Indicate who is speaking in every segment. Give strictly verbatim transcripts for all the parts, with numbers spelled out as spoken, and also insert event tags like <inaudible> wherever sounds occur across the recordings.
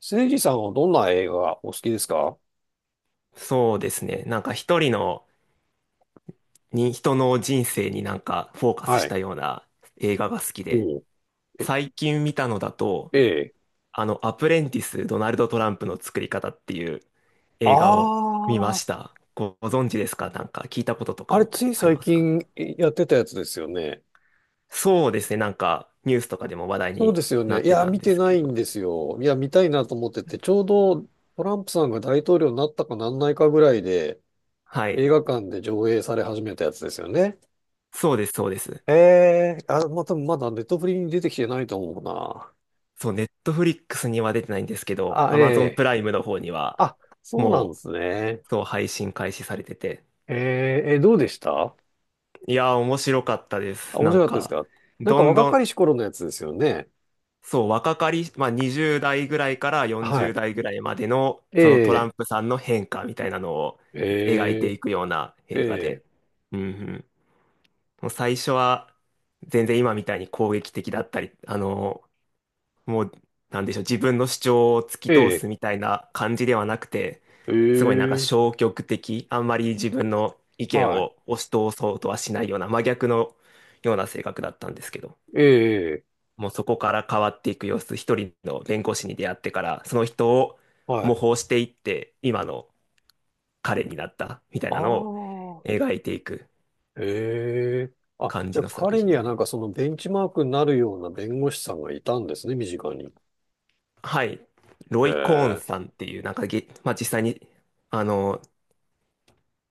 Speaker 1: せいじさんはどんな映画がお好きですか？
Speaker 2: そうですね。なんか一人のに、人の人生になんかフォーカス
Speaker 1: は
Speaker 2: し
Speaker 1: い。
Speaker 2: たような映画が好きで、
Speaker 1: おう。え、
Speaker 2: 最近見たのだと、
Speaker 1: ええ。
Speaker 2: あの、アプレンティス・ドナルド・トランプの作り方っていう
Speaker 1: あ
Speaker 2: 映画を見ま
Speaker 1: あ、
Speaker 2: した。ごご存知ですか？なんか聞いたこととか
Speaker 1: あれつ
Speaker 2: も
Speaker 1: い
Speaker 2: あり
Speaker 1: 最
Speaker 2: ますか？
Speaker 1: 近やってたやつですよね。
Speaker 2: そうですね。なんかニュースとかでも話題
Speaker 1: そう
Speaker 2: に
Speaker 1: ですよ
Speaker 2: な
Speaker 1: ね。
Speaker 2: っ
Speaker 1: い
Speaker 2: て
Speaker 1: や、
Speaker 2: たん
Speaker 1: 見
Speaker 2: で
Speaker 1: て
Speaker 2: す
Speaker 1: な
Speaker 2: け
Speaker 1: いん
Speaker 2: ど。
Speaker 1: ですよ。いや、見たいなと思ってて、ちょうどトランプさんが大統領になったかなんないかぐらいで、
Speaker 2: は
Speaker 1: 映
Speaker 2: い。
Speaker 1: 画館で上映され始めたやつですよね。
Speaker 2: そうです、そうです。
Speaker 1: ええ、あ、また、多分まだネットフリに出てきてないと思うな。
Speaker 2: そう、ネットフリックスには出てないんですけど、
Speaker 1: あ、
Speaker 2: ア
Speaker 1: え
Speaker 2: マゾンプ
Speaker 1: え。
Speaker 2: ライムの方には、
Speaker 1: あ、そうなん
Speaker 2: も
Speaker 1: ですね。
Speaker 2: う、そう、配信開始されてて、
Speaker 1: ええ、えどうでした？
Speaker 2: いやー、面白かったで
Speaker 1: あ、
Speaker 2: す。
Speaker 1: 面
Speaker 2: なん
Speaker 1: 白かったです
Speaker 2: か、
Speaker 1: か？なん
Speaker 2: ど
Speaker 1: か
Speaker 2: ん
Speaker 1: 若
Speaker 2: ど
Speaker 1: か
Speaker 2: ん、
Speaker 1: りし頃のやつですよね。
Speaker 2: そう、若かり、まあ、に代ぐらいからよん
Speaker 1: はい。
Speaker 2: 代ぐらいまでの、
Speaker 1: え
Speaker 2: そのトラン
Speaker 1: え、
Speaker 2: プさんの変化みたいなのを描い
Speaker 1: え
Speaker 2: てい
Speaker 1: え、
Speaker 2: くような
Speaker 1: え
Speaker 2: 映画
Speaker 1: え、
Speaker 2: で。うんうん。もう最初は、全然今みたいに攻撃的だったり、あの、もう、なんでしょう、自分の主張を突き通
Speaker 1: え
Speaker 2: すみたいな感じではなくて、
Speaker 1: え、
Speaker 2: すごいなんか
Speaker 1: ええ。
Speaker 2: 消極的、あんまり自分の意見
Speaker 1: はい。
Speaker 2: を押し通そうとはしないような真逆のような性格だったんですけど、
Speaker 1: ええ、
Speaker 2: もうそこから変わっていく様子、一人の弁護士に出会ってから、その人を
Speaker 1: は
Speaker 2: 模
Speaker 1: い。
Speaker 2: 倣していって、今の彼になったみたい
Speaker 1: あ
Speaker 2: なのを
Speaker 1: あ、
Speaker 2: 描いていく
Speaker 1: ええ。あ、
Speaker 2: 感
Speaker 1: じ
Speaker 2: じ
Speaker 1: ゃあ
Speaker 2: の作
Speaker 1: 彼に
Speaker 2: 品
Speaker 1: はなん
Speaker 2: で。
Speaker 1: かそのベンチマークになるような弁護士さんがいたんですね、身近に。
Speaker 2: はい。ロ
Speaker 1: え
Speaker 2: イ・コーン
Speaker 1: え、
Speaker 2: さんっていう、なんかげ、まあ、実際に、あの、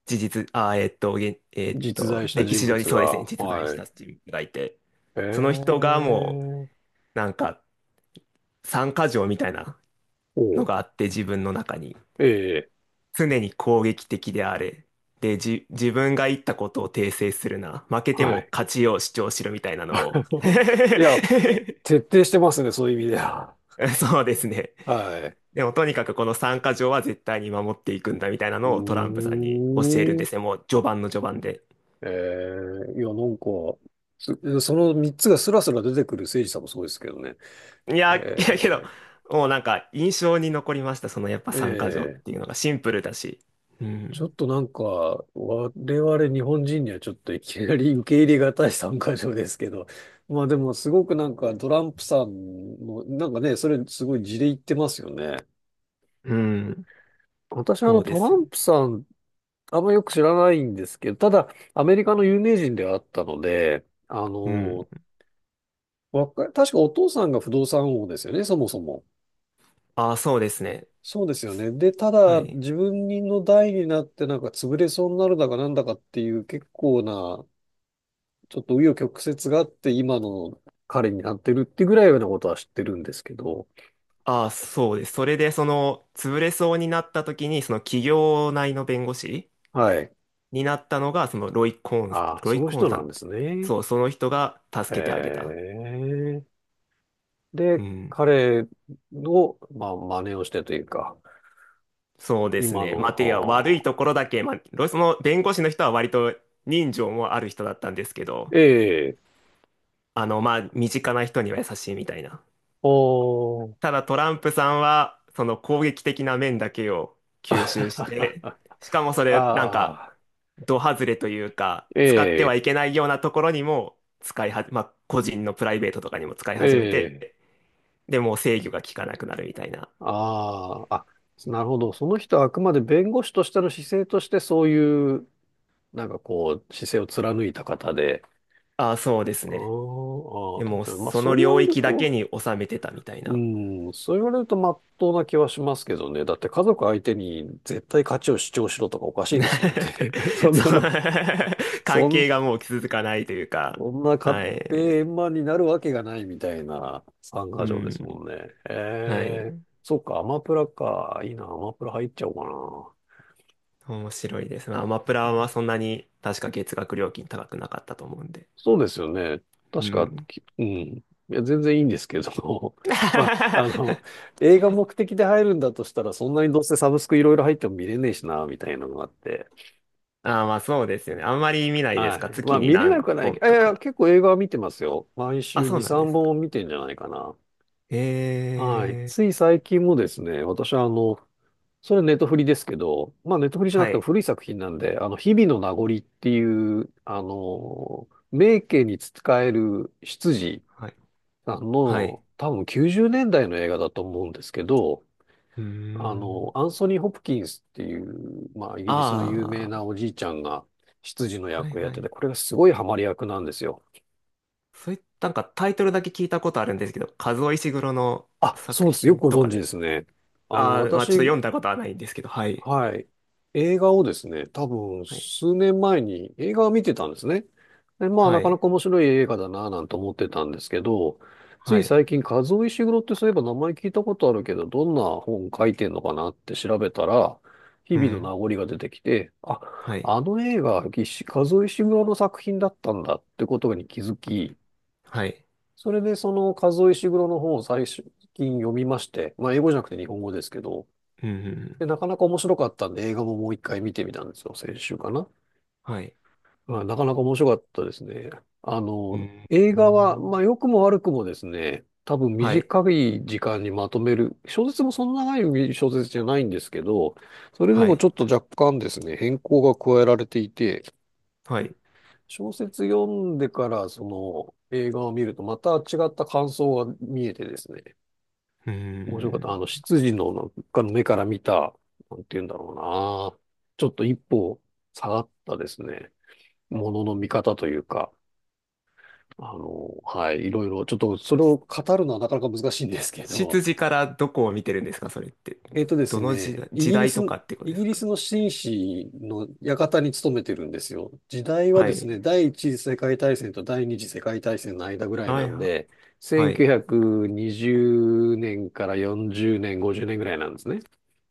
Speaker 2: 事実、あー、えっと、げんえっ
Speaker 1: 実
Speaker 2: と、
Speaker 1: 在した
Speaker 2: 歴
Speaker 1: 人
Speaker 2: 史上に
Speaker 1: 物
Speaker 2: そうですね、
Speaker 1: が。
Speaker 2: 実在し
Speaker 1: は
Speaker 2: た
Speaker 1: い。
Speaker 2: 人物がいて、
Speaker 1: え
Speaker 2: その人がも
Speaker 1: え、
Speaker 2: う、なんか、三箇条みたいな
Speaker 1: お
Speaker 2: の
Speaker 1: う、
Speaker 2: があって、自分の中に。
Speaker 1: ええ、
Speaker 2: 常に攻撃的であれ。で、じ、自分が言ったことを訂正するな。負けて
Speaker 1: は
Speaker 2: も
Speaker 1: い。
Speaker 2: 勝ちを主張しろみたいなのを。<laughs>
Speaker 1: <laughs> いや、徹底してますね、そういう意味では。
Speaker 2: そうですね。
Speaker 1: はい。
Speaker 2: でも、とにかくこの三箇条は絶対に守っていくんだみたいな
Speaker 1: うー
Speaker 2: のをトランプさんに教えるんで
Speaker 1: ん。
Speaker 2: すね。もう序盤の序盤で。
Speaker 1: ええ、いや、なんか、すそのみっつがスラスラ出てくる誠司さんもそうですけどね。
Speaker 2: いや、い
Speaker 1: え
Speaker 2: やけど、
Speaker 1: え、
Speaker 2: もうなんか印象に残りました。そのやっぱ参加条っ
Speaker 1: ええ。
Speaker 2: ていうのがシンプルだし。う
Speaker 1: ちょっ
Speaker 2: ん。
Speaker 1: となんか、我々日本人にはちょっといきなり受け入れがたい参加条ですけど、まあでもすごくなんかトランプさんのなんかね、それすごい事例言ってますよね。
Speaker 2: うん。
Speaker 1: 私はあ
Speaker 2: そ
Speaker 1: の
Speaker 2: うで
Speaker 1: トラ
Speaker 2: すよ
Speaker 1: ン
Speaker 2: ね。
Speaker 1: プさん、あんまよく知らないんですけど、ただアメリカの有名人ではあったので、あ
Speaker 2: うん。
Speaker 1: の、わか、確かお父さんが不動産王ですよね、そもそも。
Speaker 2: ああ、そうですね。
Speaker 1: そうですよね。で、た
Speaker 2: は
Speaker 1: だ、
Speaker 2: い。
Speaker 1: 自分の代になって、なんか潰れそうになるだかなんだかっていう結構な、ちょっと紆余曲折があって、今の彼になってるってぐらいのことは知ってるんですけど。
Speaker 2: ああ、そうです。それでその潰れそうになった時に、その企業内の弁護士
Speaker 1: はい。
Speaker 2: になったのが、そのロイ・コーン、
Speaker 1: ああ、
Speaker 2: ロ
Speaker 1: そ
Speaker 2: イ・
Speaker 1: の
Speaker 2: コーン
Speaker 1: 人
Speaker 2: さ
Speaker 1: な
Speaker 2: ん
Speaker 1: ん
Speaker 2: っ
Speaker 1: で
Speaker 2: て。
Speaker 1: すね。
Speaker 2: そう、その人が
Speaker 1: へ
Speaker 2: 助けてあげた。
Speaker 1: え。
Speaker 2: う
Speaker 1: で、
Speaker 2: ん。
Speaker 1: 彼の、まあ、真似をしてというか、
Speaker 2: そうです
Speaker 1: 今
Speaker 2: ね。ま
Speaker 1: の、
Speaker 2: あ、てや、悪い
Speaker 1: はあ、
Speaker 2: ところだけ、まあ、ロその弁護士の人は割と人情もある人だったんですけど、
Speaker 1: ええ、
Speaker 2: あの、まあ、身近な人には優しいみたいな。
Speaker 1: おー、
Speaker 2: ただトランプさんは、その攻撃的な面だけを吸収して、
Speaker 1: <laughs>
Speaker 2: しかもそ
Speaker 1: あ
Speaker 2: れ、なんか、
Speaker 1: あ。
Speaker 2: ド外れというか、
Speaker 1: え
Speaker 2: 使っては
Speaker 1: え、
Speaker 2: いけないようなところにも使いは、まあ、個人のプライベートとかにも使い
Speaker 1: え
Speaker 2: 始めて、
Speaker 1: え、
Speaker 2: でもう制御が効かなくなるみたいな。
Speaker 1: ああ、あ、なるほど。その人はあくまで弁護士としての姿勢としてそういう、なんかこう、姿勢を貫いた方で。
Speaker 2: ああ、そうです
Speaker 1: あ
Speaker 2: ね。
Speaker 1: ーあー、
Speaker 2: で
Speaker 1: 確
Speaker 2: も、
Speaker 1: かに。まあ
Speaker 2: そ
Speaker 1: そう
Speaker 2: の
Speaker 1: 言わ
Speaker 2: 領
Speaker 1: れる
Speaker 2: 域だけ
Speaker 1: と、
Speaker 2: に収めてたみたいな。
Speaker 1: うん、そう言われるとまっとうな気はしますけどね。だって家族相手に絶対価値を主張しろとかおかしいですもんね。<laughs> そ
Speaker 2: <laughs>
Speaker 1: んな
Speaker 2: そう
Speaker 1: の、
Speaker 2: <laughs>
Speaker 1: そ
Speaker 2: 関
Speaker 1: ん
Speaker 2: 係がもう続かないというか、
Speaker 1: そんな買っ
Speaker 2: は
Speaker 1: て
Speaker 2: い。
Speaker 1: 円満になるわけがないみたいな参
Speaker 2: う
Speaker 1: 加条です
Speaker 2: ん。
Speaker 1: もんね。
Speaker 2: は
Speaker 1: ええ。
Speaker 2: い。
Speaker 1: そっか、アマプラか。いいな、アマプラ入っちゃおうか
Speaker 2: 面白いです。まあ、アマプ
Speaker 1: な。え
Speaker 2: ラはそん
Speaker 1: ー
Speaker 2: なに確か月額料金高くなかったと思うんで。
Speaker 1: そうですよね。
Speaker 2: う
Speaker 1: 確か、
Speaker 2: ん。
Speaker 1: きうん。いや、全然いいんですけど。<laughs> まあ、あの、
Speaker 2: <laughs>
Speaker 1: 映画目的で入るんだとしたら、そんなにどうせサブスクいろいろ入っても見れねえしな、みたいなのがあって。
Speaker 2: ああ、まあそうですよね。あんまり見ないです
Speaker 1: は
Speaker 2: か？
Speaker 1: い。ま
Speaker 2: 月
Speaker 1: あ、
Speaker 2: に
Speaker 1: 見れ
Speaker 2: 何
Speaker 1: なくはないけ
Speaker 2: 本
Speaker 1: ど、い
Speaker 2: と
Speaker 1: やいや、
Speaker 2: か。
Speaker 1: 結構映画は見てますよ。毎
Speaker 2: あ、
Speaker 1: 週
Speaker 2: そう
Speaker 1: に、
Speaker 2: なんで
Speaker 1: 3
Speaker 2: すか？
Speaker 1: 本見てんじゃないかな。
Speaker 2: え
Speaker 1: はい。
Speaker 2: え
Speaker 1: つい最近もですね、私はあの、それはネットフリですけど、まあネットフリじゃなく
Speaker 2: は
Speaker 1: ても
Speaker 2: い。
Speaker 1: 古い作品なんで、あの、日々の名残っていう、あの、名家に仕える執事
Speaker 2: はい。
Speaker 1: さん
Speaker 2: は
Speaker 1: の
Speaker 2: い。
Speaker 1: 多分きゅうじゅうねんだいの映画だと思うんですけど、
Speaker 2: うー
Speaker 1: あの、
Speaker 2: ん。
Speaker 1: アンソニー・ホプキンスっていう、まあイギリスの有名
Speaker 2: あ
Speaker 1: なおじいちゃんが執事の
Speaker 2: あ、はい
Speaker 1: 役をやっ
Speaker 2: は
Speaker 1: てて、
Speaker 2: い。
Speaker 1: これがすごいハマり役なんですよ。
Speaker 2: そういった、なんかタイトルだけ聞いたことあるんですけど、カズオ・イシグロの
Speaker 1: あ、そ
Speaker 2: 作
Speaker 1: うです。よく
Speaker 2: 品
Speaker 1: ご
Speaker 2: と
Speaker 1: 存
Speaker 2: か
Speaker 1: 知で
Speaker 2: で。
Speaker 1: すね。あの、
Speaker 2: ああ、まあ
Speaker 1: 私。
Speaker 2: ちょっと読んだことはないんですけど、はい。
Speaker 1: はい。映画をですね、多分
Speaker 2: はい。
Speaker 1: 数年前に映画を見てたんですね。で、まあな
Speaker 2: は
Speaker 1: かな
Speaker 2: い。
Speaker 1: か面白い映画だなぁなんて思ってたんですけど、つ
Speaker 2: は
Speaker 1: い
Speaker 2: い。
Speaker 1: 最近、和尾石黒ってそういえば名前聞いたことあるけど、どんな本書いてんのかなって調べたら、日
Speaker 2: う
Speaker 1: 々の名
Speaker 2: ん。
Speaker 1: 残が出てきて、あ、
Speaker 2: はい。
Speaker 1: あの映画、石カズオ・黒の作品だったんだってことに気づき、
Speaker 2: はい。
Speaker 1: それでその和尾石黒の本を最近読みまして、まあ英語じゃなくて日本語ですけど、
Speaker 2: うんうんう
Speaker 1: で、な
Speaker 2: ん。
Speaker 1: かなか面白かったんで、映画ももう一回見てみたんですよ、先週かな。
Speaker 2: はい。
Speaker 1: まあ、なかなか面白かったですね。あ
Speaker 2: う
Speaker 1: の、
Speaker 2: ん。
Speaker 1: 映
Speaker 2: う
Speaker 1: 画は、ま
Speaker 2: ん
Speaker 1: あ、良くも悪くもですね、多分
Speaker 2: はい。
Speaker 1: 短い時間にまとめる、小説もそんな長い小説じゃないんですけど、それで
Speaker 2: は
Speaker 1: も
Speaker 2: い。
Speaker 1: ちょっと若干ですね、変更が加えられていて、
Speaker 2: はい。う
Speaker 1: 小説読んでから、その、映画を見ると、また違った感想が見えてですね、
Speaker 2: ー
Speaker 1: 面白かった。あ
Speaker 2: ん。
Speaker 1: の、執事のなんかの目から見た、なんて言うんだろうな。ちょっと一歩下がったですね。ものの見方というか、あの、はい、いろいろ、ちょっとそれを語るのはなかなか難しいんですけど、
Speaker 2: 執事からどこを見てるんですか、それって？
Speaker 1: えっとです
Speaker 2: どの時
Speaker 1: ね、
Speaker 2: 代、
Speaker 1: イ
Speaker 2: 時
Speaker 1: ギリ
Speaker 2: 代
Speaker 1: ス、
Speaker 2: とかってこと
Speaker 1: イ
Speaker 2: で
Speaker 1: ギ
Speaker 2: す
Speaker 1: リ
Speaker 2: か？
Speaker 1: スの紳士の館に勤めてるんですよ。時代は
Speaker 2: は
Speaker 1: です
Speaker 2: い。
Speaker 1: ね、第一次世界大戦と第二次世界大戦の間ぐらい
Speaker 2: は
Speaker 1: な
Speaker 2: い。
Speaker 1: ん
Speaker 2: は
Speaker 1: で、
Speaker 2: はい。
Speaker 1: せんきゅうひゃくにじゅうねんからよんじゅうねん、ごじゅうねんぐらいなんですね。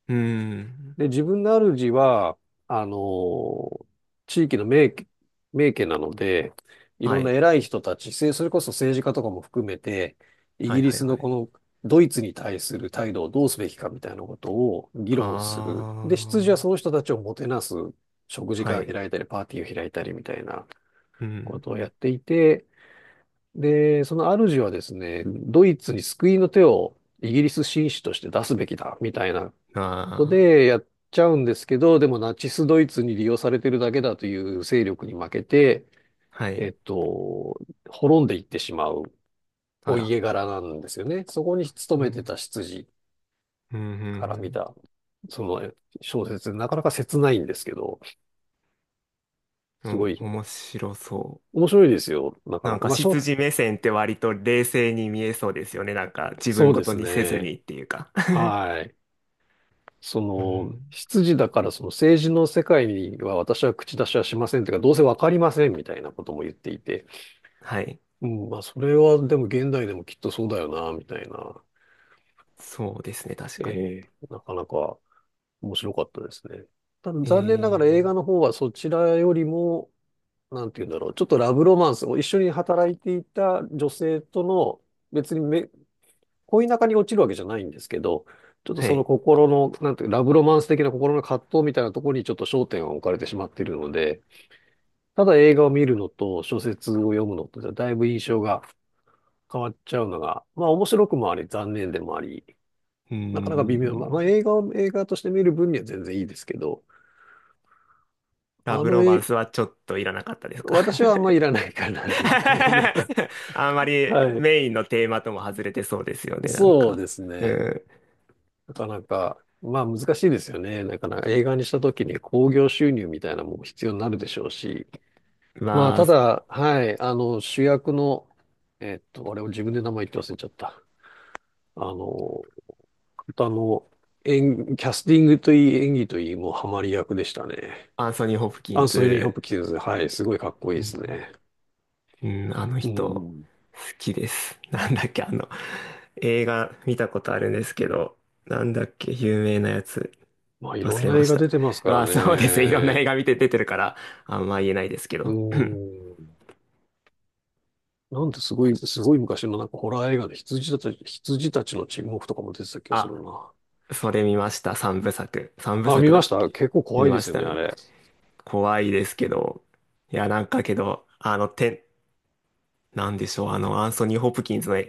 Speaker 2: うーん。
Speaker 1: で、自分の主は、あのー地域の名家、名家なので、い
Speaker 2: は
Speaker 1: ろんな
Speaker 2: い。
Speaker 1: 偉い人たち、せそれこそ政治家とかも含めて、イ
Speaker 2: は
Speaker 1: ギ
Speaker 2: い。
Speaker 1: リ
Speaker 2: はい。
Speaker 1: スの
Speaker 2: は
Speaker 1: こ
Speaker 2: い。
Speaker 1: のドイツに対する態度をどうすべきかみたいなことを議
Speaker 2: あ
Speaker 1: 論する。で、執事はその
Speaker 2: ー。
Speaker 1: 人たちをもてなす食事
Speaker 2: は
Speaker 1: 会を
Speaker 2: い。
Speaker 1: 開いたり、パーティーを開いたりみたいな
Speaker 2: う
Speaker 1: こ
Speaker 2: ん。
Speaker 1: とをやっていて、で、その主はですね、ドイツに救いの手をイギリス紳士として出すべきだみたいなこと
Speaker 2: あ
Speaker 1: でやっちゃうんですけど、でもナチスドイツに利用されてるだけだという勢力に負けて、
Speaker 2: ー。は
Speaker 1: え
Speaker 2: い。
Speaker 1: っと、滅んでいってしまう
Speaker 2: あ
Speaker 1: お
Speaker 2: ら。
Speaker 1: 家柄なんですよね。そこに勤
Speaker 2: う
Speaker 1: め
Speaker 2: ん。
Speaker 1: てた執事
Speaker 2: うん。う
Speaker 1: から見
Speaker 2: ん。
Speaker 1: た、その小説、なかなか切ないんですけど、
Speaker 2: う
Speaker 1: すご
Speaker 2: ん。
Speaker 1: い
Speaker 2: お面白そう。
Speaker 1: 面白いですよ。なか
Speaker 2: な
Speaker 1: な
Speaker 2: ん
Speaker 1: か。
Speaker 2: か
Speaker 1: まあ、しょ、
Speaker 2: 執事目線って割と冷静に見えそうですよね。なんか自
Speaker 1: そ
Speaker 2: 分
Speaker 1: う
Speaker 2: ご
Speaker 1: で
Speaker 2: と
Speaker 1: す
Speaker 2: にせずに
Speaker 1: ね。
Speaker 2: っていうか。
Speaker 1: はい。そ
Speaker 2: う
Speaker 1: の、
Speaker 2: ん。
Speaker 1: 執事だからその政治の世界には私は口出しはしませんというか、どうせわかりませんみたいなことも言っていて、
Speaker 2: はい。
Speaker 1: うん、まあ、それはでも現代でもきっとそうだよな、みたいな。
Speaker 2: そうですね、確かに。
Speaker 1: ええ、なかなか面白かったですね。ただ
Speaker 2: え
Speaker 1: 残念ながら映
Speaker 2: ー、
Speaker 1: 画の方はそちらよりも、なんて言うんだろう、ちょっとラブロマンスを一緒に働いていた女性との、別にめ恋仲に落ちるわけじゃないんですけど、ちょっと
Speaker 2: は
Speaker 1: その
Speaker 2: い。
Speaker 1: 心の、なんていうか、ラブロマンス的な心の葛藤みたいなところにちょっと焦点を置かれてしまっているので、ただ映画を見るのと小説を読むのとではだいぶ印象が変わっちゃうのが、まあ面白くもあり、残念でもあり、
Speaker 2: うー
Speaker 1: なかなか微妙。まあ、まあ
Speaker 2: ん。
Speaker 1: 映画を映画として見る分には全然いいですけど、
Speaker 2: ラ
Speaker 1: あ
Speaker 2: ブ
Speaker 1: の
Speaker 2: ロマ
Speaker 1: え
Speaker 2: ンスはちょっといらなかったですか？
Speaker 1: 私はあんまいらないかな、みたいな。
Speaker 2: <laughs> あんま
Speaker 1: <laughs>
Speaker 2: り
Speaker 1: はい。
Speaker 2: メインのテーマとも外れてそうですよね、なん
Speaker 1: そう
Speaker 2: か。
Speaker 1: です
Speaker 2: う
Speaker 1: ね。
Speaker 2: ん。
Speaker 1: なかなか、まあ難しいですよね。なかなか映画にした時に興行収入みたいなもの必要になるでしょうし、
Speaker 2: ま
Speaker 1: まあただ、はい、あの主役の、えっと、あれを自分で名前言って忘れちゃった。あの、あとあの、演、キャスティングといい、演技といい、もうハマり役でしたね。
Speaker 2: あ、アンソニー・ホプキ
Speaker 1: ア
Speaker 2: ン
Speaker 1: ンソニー・ホプ
Speaker 2: ズ。
Speaker 1: キンズ、はい、すごいかっこいい
Speaker 2: う
Speaker 1: です
Speaker 2: ん
Speaker 1: ね。
Speaker 2: うん、あの
Speaker 1: う
Speaker 2: 人、
Speaker 1: ん。
Speaker 2: 好きです。<laughs> なんだっけ、あの、映画見たことあるんですけど、なんだっけ、有名なやつ、
Speaker 1: まあ、いろ
Speaker 2: 忘
Speaker 1: ん
Speaker 2: れ
Speaker 1: な
Speaker 2: ま
Speaker 1: 映
Speaker 2: し
Speaker 1: 画
Speaker 2: た。
Speaker 1: 出てますか
Speaker 2: ま
Speaker 1: ら
Speaker 2: あ、そうですね。いろんな映
Speaker 1: ね。
Speaker 2: 画見て出てるから、あんま言えないですけ
Speaker 1: う
Speaker 2: ど。
Speaker 1: ん。なんてすごい、すごい昔のなんかホラー映画で羊たち、羊たちの沈黙とかも出てた気
Speaker 2: <clears throat>
Speaker 1: がする
Speaker 2: あ、
Speaker 1: な。
Speaker 2: それ見ました。三部作。三部
Speaker 1: あ、見
Speaker 2: 作だ
Speaker 1: まし
Speaker 2: っ
Speaker 1: た。
Speaker 2: け？
Speaker 1: 結構
Speaker 2: 見
Speaker 1: 怖いで
Speaker 2: ま
Speaker 1: す
Speaker 2: し
Speaker 1: よ
Speaker 2: た。
Speaker 1: ね、
Speaker 2: 見
Speaker 1: あ
Speaker 2: ま
Speaker 1: れ。
Speaker 2: 怖いですけど。いや、なんかけど、あの、て、なんでしょう。あの、アンソニー・ホプキンズの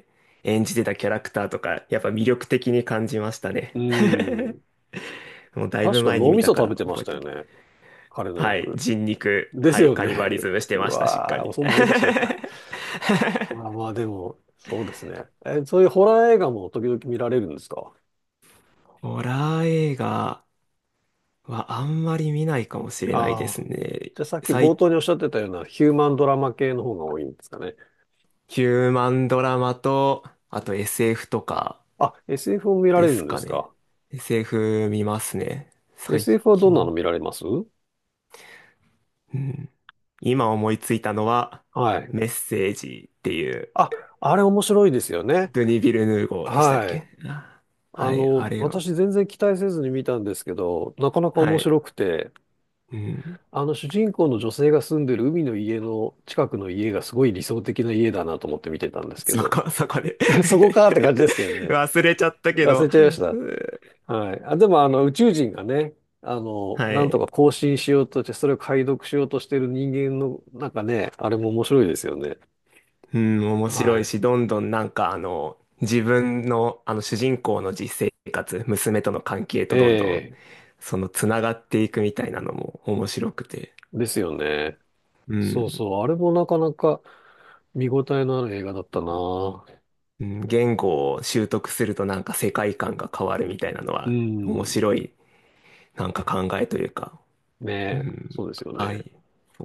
Speaker 2: 演じてたキャラクターとか、やっぱ魅力的に感じました
Speaker 1: う
Speaker 2: ね。
Speaker 1: ん。
Speaker 2: もうだい
Speaker 1: 確
Speaker 2: ぶ
Speaker 1: か
Speaker 2: 前に
Speaker 1: 脳
Speaker 2: 見
Speaker 1: みそ
Speaker 2: たか
Speaker 1: 食べ
Speaker 2: ら
Speaker 1: てま
Speaker 2: 覚
Speaker 1: し
Speaker 2: え
Speaker 1: た
Speaker 2: て
Speaker 1: よ
Speaker 2: る。
Speaker 1: ね。彼の
Speaker 2: はい、
Speaker 1: 役。
Speaker 2: 人肉、
Speaker 1: です
Speaker 2: はい、
Speaker 1: よ
Speaker 2: カニバ
Speaker 1: ね。
Speaker 2: リズムして
Speaker 1: う
Speaker 2: ました、しっか
Speaker 1: わー、
Speaker 2: り。
Speaker 1: そう思い出しちゃった。
Speaker 2: <laughs>
Speaker 1: まあまあ、でも、そうですね。え、そういうホラー映画も時々見られるんですか？
Speaker 2: ホラー映画はあんまり見ないかもしれないで
Speaker 1: あ
Speaker 2: す
Speaker 1: あ。じ
Speaker 2: ね。
Speaker 1: ゃあさっき冒
Speaker 2: 最
Speaker 1: 頭におっしゃってたようなヒューマンドラマ系の方が多いんですかね。
Speaker 2: ヒューマンドラマと、あと エスエフ とか
Speaker 1: あ、エスエフ も見られ
Speaker 2: で
Speaker 1: る
Speaker 2: す
Speaker 1: んで
Speaker 2: か
Speaker 1: す
Speaker 2: ね。
Speaker 1: か？
Speaker 2: エスエフ 見ますね。最
Speaker 1: エスエフ はどんなの
Speaker 2: 近。
Speaker 1: 見られます？
Speaker 2: うん。今思いついたのは、
Speaker 1: はい。
Speaker 2: メッセージっていう、
Speaker 1: あ、あれ面白いですよね。
Speaker 2: ドゥニ・ヴィルヌーゴーでしたっ
Speaker 1: はい。
Speaker 2: け？あ
Speaker 1: あ
Speaker 2: はい、あ
Speaker 1: の、
Speaker 2: れは。
Speaker 1: 私全然期待せずに見たんですけど、なかなか
Speaker 2: は
Speaker 1: 面
Speaker 2: い。
Speaker 1: 白くて、
Speaker 2: うん。
Speaker 1: あの主人公の女性が住んでる海の家の近くの家がすごい理想的な家だなと思って見てたんですけ
Speaker 2: そ
Speaker 1: ど、
Speaker 2: こ、坂で
Speaker 1: <laughs> そこかって感じですけど
Speaker 2: <laughs>
Speaker 1: ね。
Speaker 2: 忘れちゃったけ
Speaker 1: 忘
Speaker 2: ど、
Speaker 1: れちゃいました。はい。あ、でもあの宇宙人がね、あの、
Speaker 2: は
Speaker 1: なんと
Speaker 2: い。
Speaker 1: か更新しようとして、それを解読しようとしてる人間の、なんかね、あれも面白いですよね。
Speaker 2: うん、面
Speaker 1: は
Speaker 2: 白い
Speaker 1: い。
Speaker 2: し、どんどんなんかあの、自分のあの主人公の実生活、娘との関係
Speaker 1: え
Speaker 2: とどんどん、
Speaker 1: え、
Speaker 2: そのつながっていくみたいなのも面白くて、
Speaker 1: ですよね。
Speaker 2: う
Speaker 1: そう
Speaker 2: ん、
Speaker 1: そう。あれもなかなか見応えのある映画だったな。
Speaker 2: うん、言語を習得するとなんか世界観が変わるみたいなの
Speaker 1: う
Speaker 2: は面
Speaker 1: ん。
Speaker 2: 白いなんか考えというか、
Speaker 1: ね
Speaker 2: う
Speaker 1: え、
Speaker 2: ん、
Speaker 1: そうですよ
Speaker 2: は
Speaker 1: ね。
Speaker 2: い。